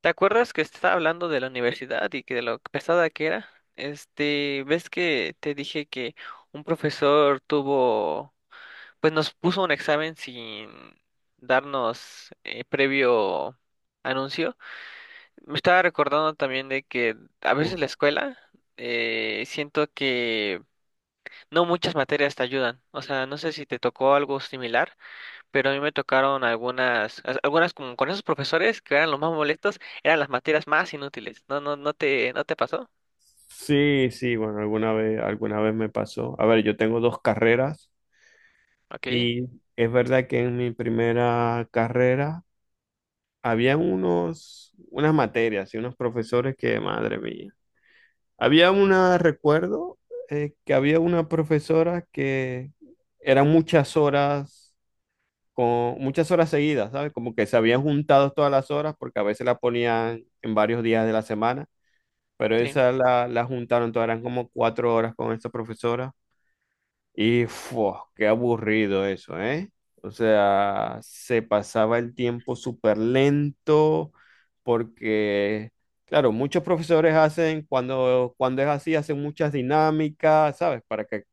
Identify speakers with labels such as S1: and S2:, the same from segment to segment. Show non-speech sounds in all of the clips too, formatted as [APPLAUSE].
S1: ¿Te acuerdas que estaba hablando de la universidad y que de lo pesada que era? Este, ¿ves que te dije que un profesor tuvo, pues nos puso un examen sin darnos previo anuncio? Me estaba recordando también de que a veces la
S2: Wow.
S1: escuela siento que no muchas materias te ayudan. O sea, no sé si te tocó algo similar pero a mí me tocaron algunas, algunas como con esos profesores que eran los más molestos, eran las materias más inútiles. No, no, no te pasó.
S2: Sí, sí, bueno, alguna vez me pasó. A ver, yo tengo dos carreras
S1: Ok,
S2: y es verdad que en mi primera carrera había unas materias y unos profesores que, madre mía. Había una, recuerdo, que había una profesora que eran muchas horas, con muchas horas seguidas, ¿sabes? Como que se habían juntado todas las horas porque a veces la ponían en varios días de la semana. Pero
S1: sí.
S2: esa la juntaron, todas eran como cuatro horas con esta profesora. Y fua, qué aburrido eso, ¿eh? O sea, se pasaba el tiempo súper lento porque, claro, muchos profesores hacen, cuando es así, hacen muchas dinámicas, ¿sabes?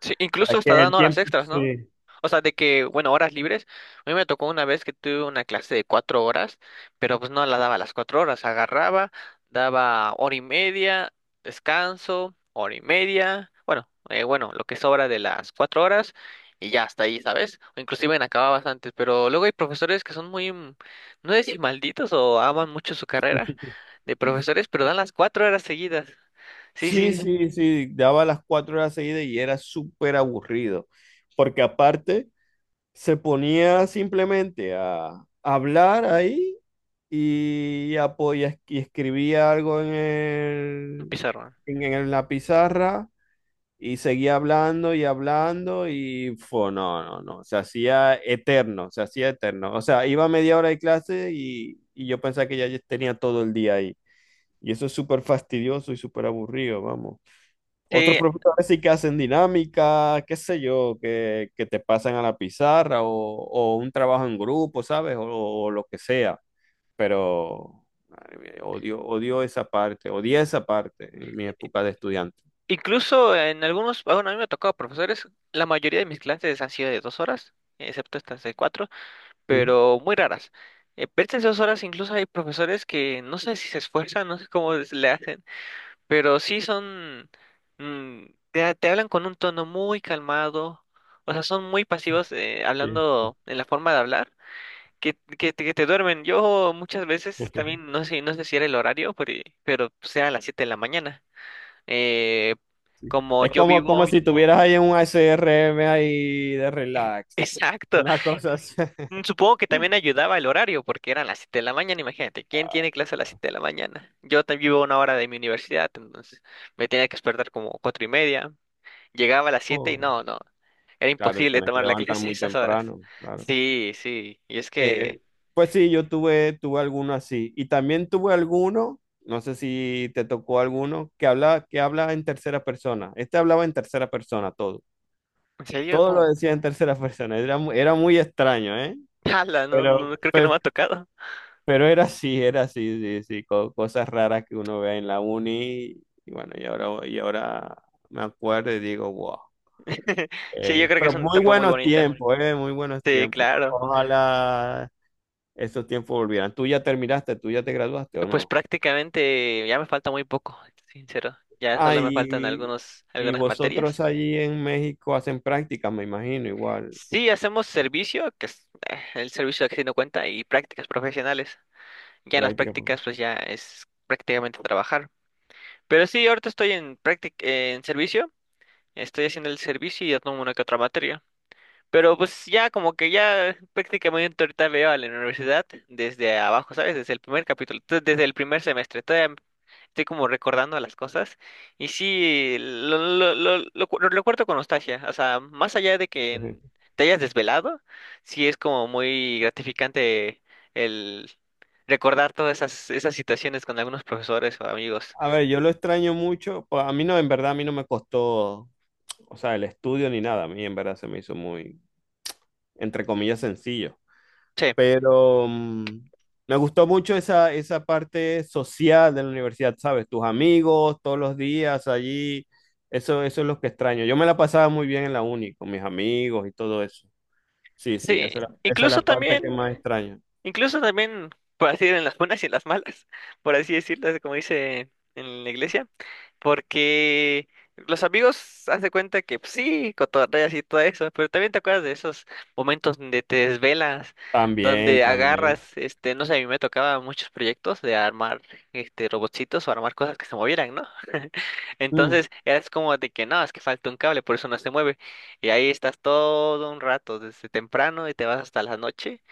S1: Sí,
S2: Para
S1: incluso
S2: que
S1: hasta dan
S2: el
S1: horas
S2: tiempo...
S1: extras, ¿no?
S2: Sí.
S1: O sea, de que, bueno, horas libres. A mí me tocó una vez que tuve una clase de 4 horas, pero pues no la daba las 4 horas. Agarraba, daba hora y media, descanso, hora y media. Bueno, bueno, lo que sobra de las 4 horas y ya hasta ahí, ¿sabes? O inclusive en acababas antes, pero luego hay profesores que son muy, no sé si malditos o aman mucho su carrera
S2: [LAUGHS]
S1: de profesores, pero dan las 4 horas seguidas. Sí,
S2: Sí,
S1: sí,
S2: sí, sí, daba las cuatro horas seguidas y era súper aburrido, porque aparte se ponía simplemente a hablar ahí y, y escribía algo
S1: un pizarrón.
S2: en la pizarra y seguía hablando y hablando y fue, no, no, no, se hacía eterno, se hacía eterno. O sea, iba media hora de clase y yo pensaba que ya tenía todo el día ahí. Y eso es súper fastidioso y súper aburrido, vamos. Otros
S1: Sí,
S2: profesores sí que hacen dinámica, qué sé yo, que te pasan a la pizarra o un trabajo en grupo, ¿sabes? O lo que sea pero madre mía, odio, odio esa parte, odié esa parte en mi época de estudiante.
S1: incluso en algunos, bueno, a mí me ha tocado profesores, la mayoría de mis clases han sido de 2 horas, excepto estas de cuatro,
S2: Sí,
S1: pero muy raras. Pero estas 2 horas incluso hay profesores que no sé si se esfuerzan, no sé cómo le hacen, pero sí son, mm, te hablan con un tono muy calmado, o sea, son muy pasivos
S2: sí, sí.
S1: hablando en la forma de hablar, que, que te duermen. Yo muchas veces también,
S2: [LAUGHS]
S1: no sé, no sé si era el horario, pero, sea a las 7 de la mañana. Eh,
S2: Sí.
S1: como
S2: Es
S1: yo
S2: como, como
S1: vivo,
S2: si tuvieras ahí un ASRM ahí de
S1: [LAUGHS]
S2: relax, [LAUGHS]
S1: exacto.
S2: una cosa así. [LAUGHS]
S1: Supongo que también ayudaba el horario, porque eran las 7 de la mañana, imagínate, ¿quién tiene clase a las 7 de la mañana? Yo también vivo a una hora de mi universidad, entonces me tenía que despertar como 4:30. Llegaba a las siete y
S2: Oh,
S1: no, no, era
S2: claro,
S1: imposible
S2: tienes que
S1: tomar la
S2: levantar
S1: clase a
S2: muy
S1: esas horas.
S2: temprano, claro.
S1: Sí, sí, y es que,
S2: Eh, pues sí, tuve alguno así. Y también tuve alguno, no sé si te tocó alguno, que habla en tercera persona. Este hablaba en tercera persona todo.
S1: en serio,
S2: Todo lo
S1: ¿cómo?
S2: decía en tercera persona. Era, era muy extraño, ¿eh?
S1: [LAUGHS] Ala, no, no,
S2: Pero,
S1: creo que no
S2: pe-
S1: me ha tocado.
S2: pero era así, sí, sí. Cosas raras que uno ve en la uni. Y bueno, y ahora me acuerdo y digo, wow.
S1: [LAUGHS] Sí, yo creo que
S2: Pero
S1: es una
S2: muy
S1: etapa muy
S2: buenos
S1: bonita.
S2: tiempos, ¿eh? Muy buenos
S1: Sí,
S2: tiempos.
S1: claro.
S2: Ojalá esos tiempos volvieran. ¿Tú ya terminaste? ¿Tú ya te graduaste o
S1: Pues
S2: no?
S1: prácticamente ya me falta muy poco, sincero. Ya
S2: Ah,
S1: solo me faltan
S2: y
S1: algunas
S2: vosotros
S1: materias.
S2: allí en México hacen prácticas, me imagino, igual,
S1: Sí, hacemos servicio, que es el servicio que no cuenta, y prácticas profesionales. Ya en las
S2: prácticas.
S1: prácticas, pues ya es prácticamente trabajar. Pero sí, ahorita estoy en en servicio, estoy haciendo el servicio y ya tomo una que otra materia. Pero pues ya como que ya prácticamente ahorita veo a la universidad desde abajo, ¿sabes? Desde el primer capítulo, desde el primer semestre. Estoy como recordando las cosas y sí, lo recuerdo con nostalgia, o sea, más allá de que
S2: [LAUGHS]
S1: te hayas desvelado, sí es como muy gratificante el recordar todas esas, situaciones con algunos profesores o amigos.
S2: A ver, yo lo extraño mucho. Pues, a mí no, en verdad, a mí no me costó, o sea, el estudio ni nada. A mí en verdad se me hizo muy, entre comillas, sencillo.
S1: Sí,
S2: Pero mm, me gustó mucho esa, esa parte social de la universidad, ¿sabes? Tus amigos, todos los días allí. Eso es lo que extraño. Yo me la pasaba muy bien en la uni, con mis amigos y todo eso. Sí, sí,
S1: sí,
S2: esa es la
S1: incluso
S2: parte que
S1: también,
S2: más extraño.
S1: incluso también, por así decir, en las buenas y en las malas, por así decirlo, como dice en la iglesia. Porque los amigos haz de cuenta que pues, sí, cotorreas y todo eso, pero también te acuerdas de esos momentos donde te desvelas,
S2: También,
S1: donde
S2: también.
S1: agarras, este, no sé, a mí me tocaba muchos proyectos de armar este robotcitos o armar cosas que se movieran, ¿no? [LAUGHS]
S2: Mm,
S1: Entonces, eras como de que no, es que falta un cable, por eso no se mueve. Y ahí estás todo un rato, desde temprano y te vas hasta la noche.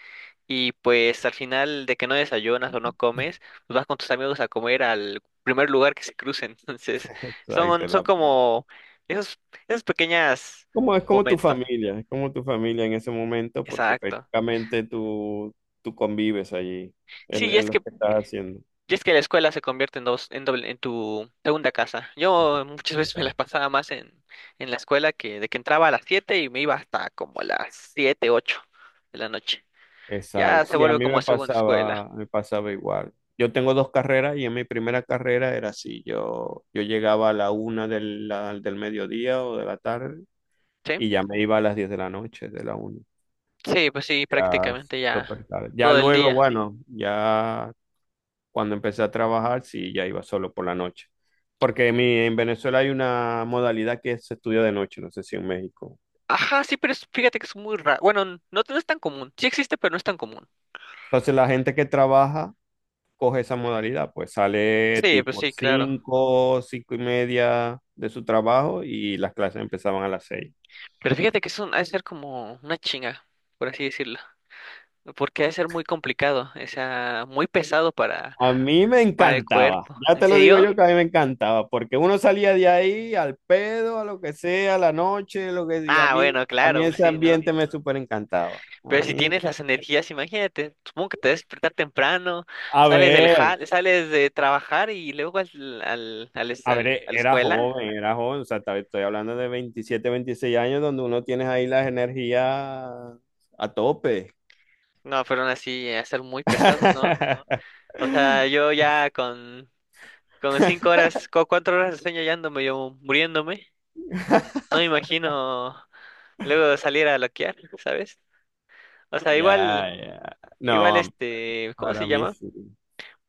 S1: Y pues al final de que no desayunas o no comes, pues vas con tus amigos a comer al primer lugar que se cruce. [LAUGHS] Entonces,
S2: [LAUGHS]
S1: son,
S2: exacto.
S1: son
S2: la-
S1: como esos, pequeños
S2: Como, es como tu
S1: momentos.
S2: familia, es como tu familia en ese momento porque
S1: Exacto.
S2: prácticamente tú, tú convives allí,
S1: Sí,
S2: es lo que estás haciendo.
S1: y es que la escuela se convierte en doble, en tu segunda casa.
S2: Con tu
S1: Yo muchas [LAUGHS]
S2: familia
S1: veces me las
S2: acá.
S1: pasaba más en la escuela que de que entraba a las 7 y me iba hasta como las 7 8 de la noche. Ya
S2: Exacto.
S1: se
S2: Sí, a
S1: vuelve
S2: mí
S1: como segunda escuela.
S2: me pasaba igual. Yo tengo dos carreras y en mi primera carrera era así, yo llegaba a la una del mediodía o de la tarde
S1: ¿Sí?
S2: y ya me iba a las diez de la noche, de la una.
S1: Sí, pues sí,
S2: Ya
S1: prácticamente ya
S2: súper tarde. Ya
S1: todo el
S2: luego,
S1: día.
S2: bueno, ya cuando empecé a trabajar, sí, ya iba solo por la noche. Porque en Venezuela hay una modalidad que se estudia de noche, no sé si en México.
S1: Ajá, sí, pero fíjate que es muy raro. Bueno, no, no es tan común. Sí existe, pero no es tan común.
S2: Entonces la gente que trabaja coge esa modalidad, pues sale
S1: Sí, pues
S2: tipo
S1: sí, claro.
S2: 5, 5 y media de su trabajo y las clases empezaban a las 6.
S1: Pero fíjate que es un, ha de ser como una chinga, por así decirlo. Porque ha de ser muy complicado, o sea, muy pesado para,
S2: A mí me
S1: el
S2: encantaba,
S1: cuerpo.
S2: ya
S1: ¿En
S2: te lo digo
S1: serio?
S2: yo que a mí me encantaba, porque uno salía de ahí al pedo, a lo que sea, a la noche, lo que sea.
S1: Ah, bueno,
S2: A mí
S1: claro, pues
S2: ese
S1: sí, ¿no?
S2: ambiente me súper encantaba.
S1: Pero si tienes las energías, imagínate, supongo que te debes despertar temprano,
S2: A
S1: sales del
S2: ver,
S1: sales de trabajar y luego
S2: A ver,
S1: a la escuela.
S2: era joven, o sea, tal vez estoy hablando de 27, 26 años donde uno tiene ahí las energías a tope.
S1: No, pero aún así, ha de ser muy pesado, ¿no?
S2: [LAUGHS]
S1: O sea, yo ya con 5 horas, con 4 horas de sueño ya ando medio muriéndome. No me imagino luego salir a loquear, ¿sabes? O sea,
S2: Ya, ya.
S1: igual
S2: No,
S1: este, ¿cómo
S2: para
S1: se
S2: mí
S1: llama?
S2: sí.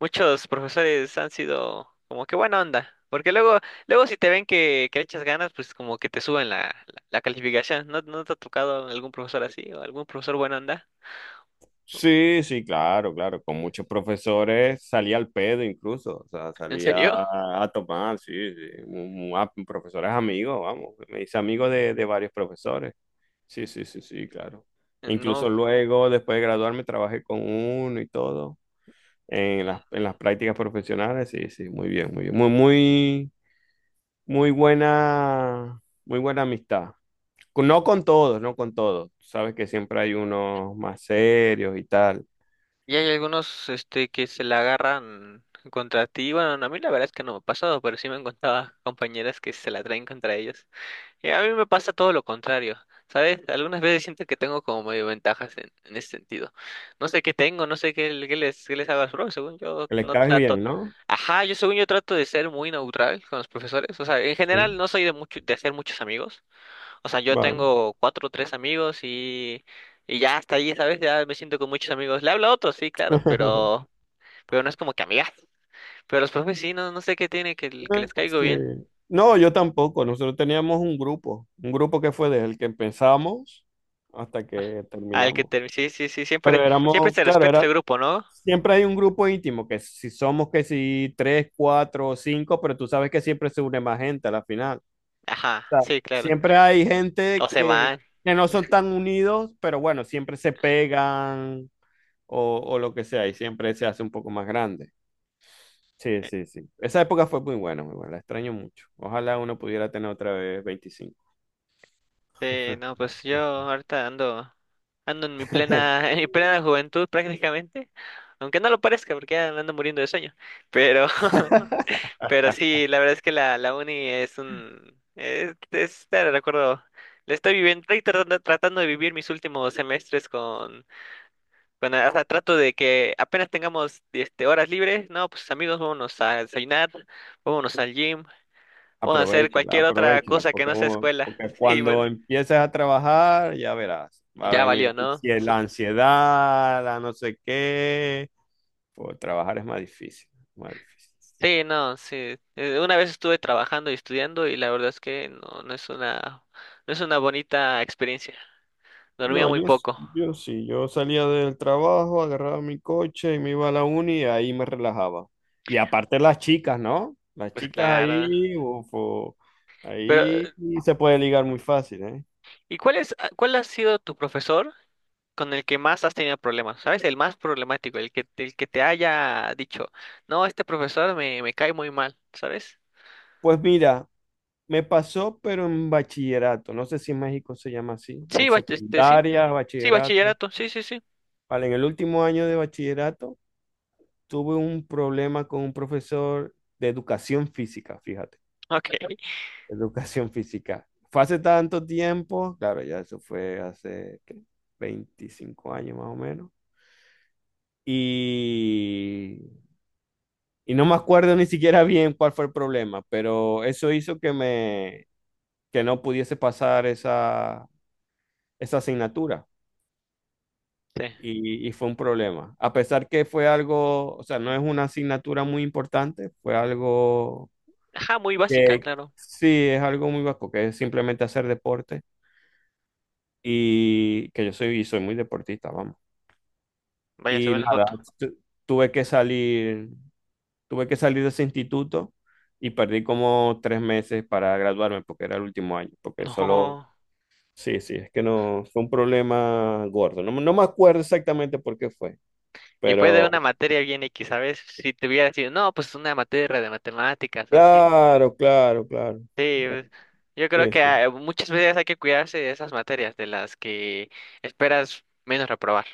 S1: Muchos profesores han sido como que buena onda. Porque luego si te ven que, le echas ganas, pues como que te suben la calificación. ¿No, no te ha tocado algún profesor así o algún profesor buena onda?
S2: Sí, sí, claro, claro. Con muchos profesores salía al pedo incluso, o sea,
S1: ¿En
S2: salía
S1: serio?
S2: a tomar, sí, sí. Profesores amigos, vamos. Me hice amigo de varios profesores. Sí, sí, sí, sí, claro.
S1: No.
S2: Incluso luego, después de graduarme, trabajé con uno y todo en las prácticas profesionales. Sí, sí, muy bien, muy bien. Muy, muy, muy buena amistad. No con todos, no con todos. Sabes que siempre hay unos más serios y tal.
S1: Y hay algunos este que se la agarran contra ti. Bueno, a mí la verdad es que no me ha pasado, pero sí me han contado [LAUGHS] compañeras que se la traen contra ellos. Y a mí me pasa todo lo contrario, ¿sabes? Algunas veces siento que tengo como medio ventajas en, ese sentido. No sé qué tengo, no sé qué les hago a los profes, según yo
S2: Que le
S1: no
S2: caes
S1: trato.
S2: bien, ¿no?
S1: Ajá, yo según yo trato de ser muy neutral con los profesores. O sea, en
S2: Sí,
S1: general no soy de mucho, de hacer muchos amigos. O sea, yo
S2: vale.
S1: tengo cuatro o tres amigos y, ya hasta ahí, ¿sabes? Ya me siento con muchos amigos. Le hablo a otros, sí, claro,
S2: [LAUGHS]
S1: pero, no es como que amigas. Pero los profes sí, no, no sé qué tiene, que les caigo
S2: Sí.
S1: bien.
S2: No, yo tampoco. Nosotros teníamos un grupo que fue desde el que empezamos hasta
S1: Ah.
S2: que terminamos.
S1: Sí, sí, sí,
S2: Pero
S1: siempre
S2: éramos,
S1: se
S2: claro,
S1: respeta ese
S2: era,
S1: grupo, ¿no?
S2: siempre hay un grupo íntimo, que si somos que si tres, cuatro o cinco, pero tú sabes que siempre se une más gente a la final.
S1: Ajá,
S2: O sea,
S1: sí, claro.
S2: siempre hay
S1: O
S2: gente
S1: se van.
S2: que no son tan unidos, pero bueno, siempre se pegan o lo que sea, y siempre se hace un poco más grande. Sí, sí, sí. Esa época fue muy buena, muy buena. La extraño mucho. Ojalá uno pudiera tener otra vez veinticinco.
S1: Sí, no, pues yo ahorita ando en mi plena, [LAUGHS]
S2: [LAUGHS]
S1: en mi plena juventud prácticamente. Aunque no lo parezca, porque ya me ando muriendo de sueño. Pero [LAUGHS] pero sí, la verdad es que la uni es un... Es, te recuerdo, le estoy viviendo, estoy tratando de vivir mis últimos semestres con, O sea, trato de que apenas tengamos este, horas libres, no, pues amigos, vámonos a desayunar, vámonos al gym, vamos a hacer
S2: Aprovechala,
S1: cualquier otra
S2: aprovechala,
S1: cosa que
S2: porque,
S1: no sea escuela.
S2: porque
S1: [LAUGHS] Sí,
S2: cuando
S1: bueno,
S2: empieces a trabajar, ya verás, va a
S1: ya
S2: venir
S1: valió, ¿no?
S2: la ansiedad, la no sé qué. Pues, trabajar es más difícil, más difícil.
S1: Sí, no, sí. Una vez estuve trabajando y estudiando y la verdad es que no, no es una bonita experiencia. Dormía
S2: No,
S1: muy
S2: yo, s-
S1: poco.
S2: Yo sí, yo salía del trabajo, agarraba mi coche y me iba a la uni y ahí me relajaba. Y aparte las chicas, ¿no? Las
S1: Pues
S2: chicas
S1: claro.
S2: ahí, ufo,
S1: Pero,
S2: ahí sí se puede ligar muy fácil, ¿eh?
S1: ¿y cuál ha sido tu profesor con el que más has tenido problemas? ¿Sabes? El más problemático, el que te haya dicho, no, este profesor me cae muy mal, ¿sabes?
S2: Pues mira, me pasó, pero en bachillerato, no sé si en México se llama así, o
S1: Sí, este, sí,
S2: secundaria,
S1: sí,
S2: bachillerato.
S1: bachillerato, sí, sí, sí.
S2: Vale, en el último año de bachillerato tuve un problema con un profesor de educación física, fíjate.
S1: Ok.
S2: Educación [LAUGHS] física. Fue hace tanto tiempo, claro, ya eso fue hace ¿qué? 25 años más o menos. Y, y no me acuerdo ni siquiera bien cuál fue el problema, pero eso hizo que no pudiese pasar esa, esa asignatura.
S1: Sí.
S2: Y fue un problema. A pesar que fue algo, o sea, no es una asignatura muy importante, fue algo
S1: Ajá, muy básica,
S2: que
S1: claro.
S2: sí es algo muy básico, que es simplemente hacer deporte y que yo soy, soy muy deportista, vamos.
S1: Vaya, se
S2: Y
S1: ve en la
S2: nada,
S1: foto.
S2: tu- tuve que salir, tuve que salir de ese instituto y perdí como tres meses para graduarme porque era el último año,
S1: [LAUGHS]
S2: porque solo,
S1: No.
S2: sí, sí, es que no, fue un problema gordo. No, no me acuerdo exactamente por qué fue,
S1: Y fue de
S2: pero
S1: una materia bien X, ¿sabes? Si te hubiera dicho, no, pues una materia de matemáticas, así.
S2: claro, claro, claro.
S1: Sí,
S2: Eh,
S1: pues, yo creo
S2: Sí,
S1: que
S2: sí.
S1: muchas veces hay que cuidarse de esas materias de las que esperas menos reprobar.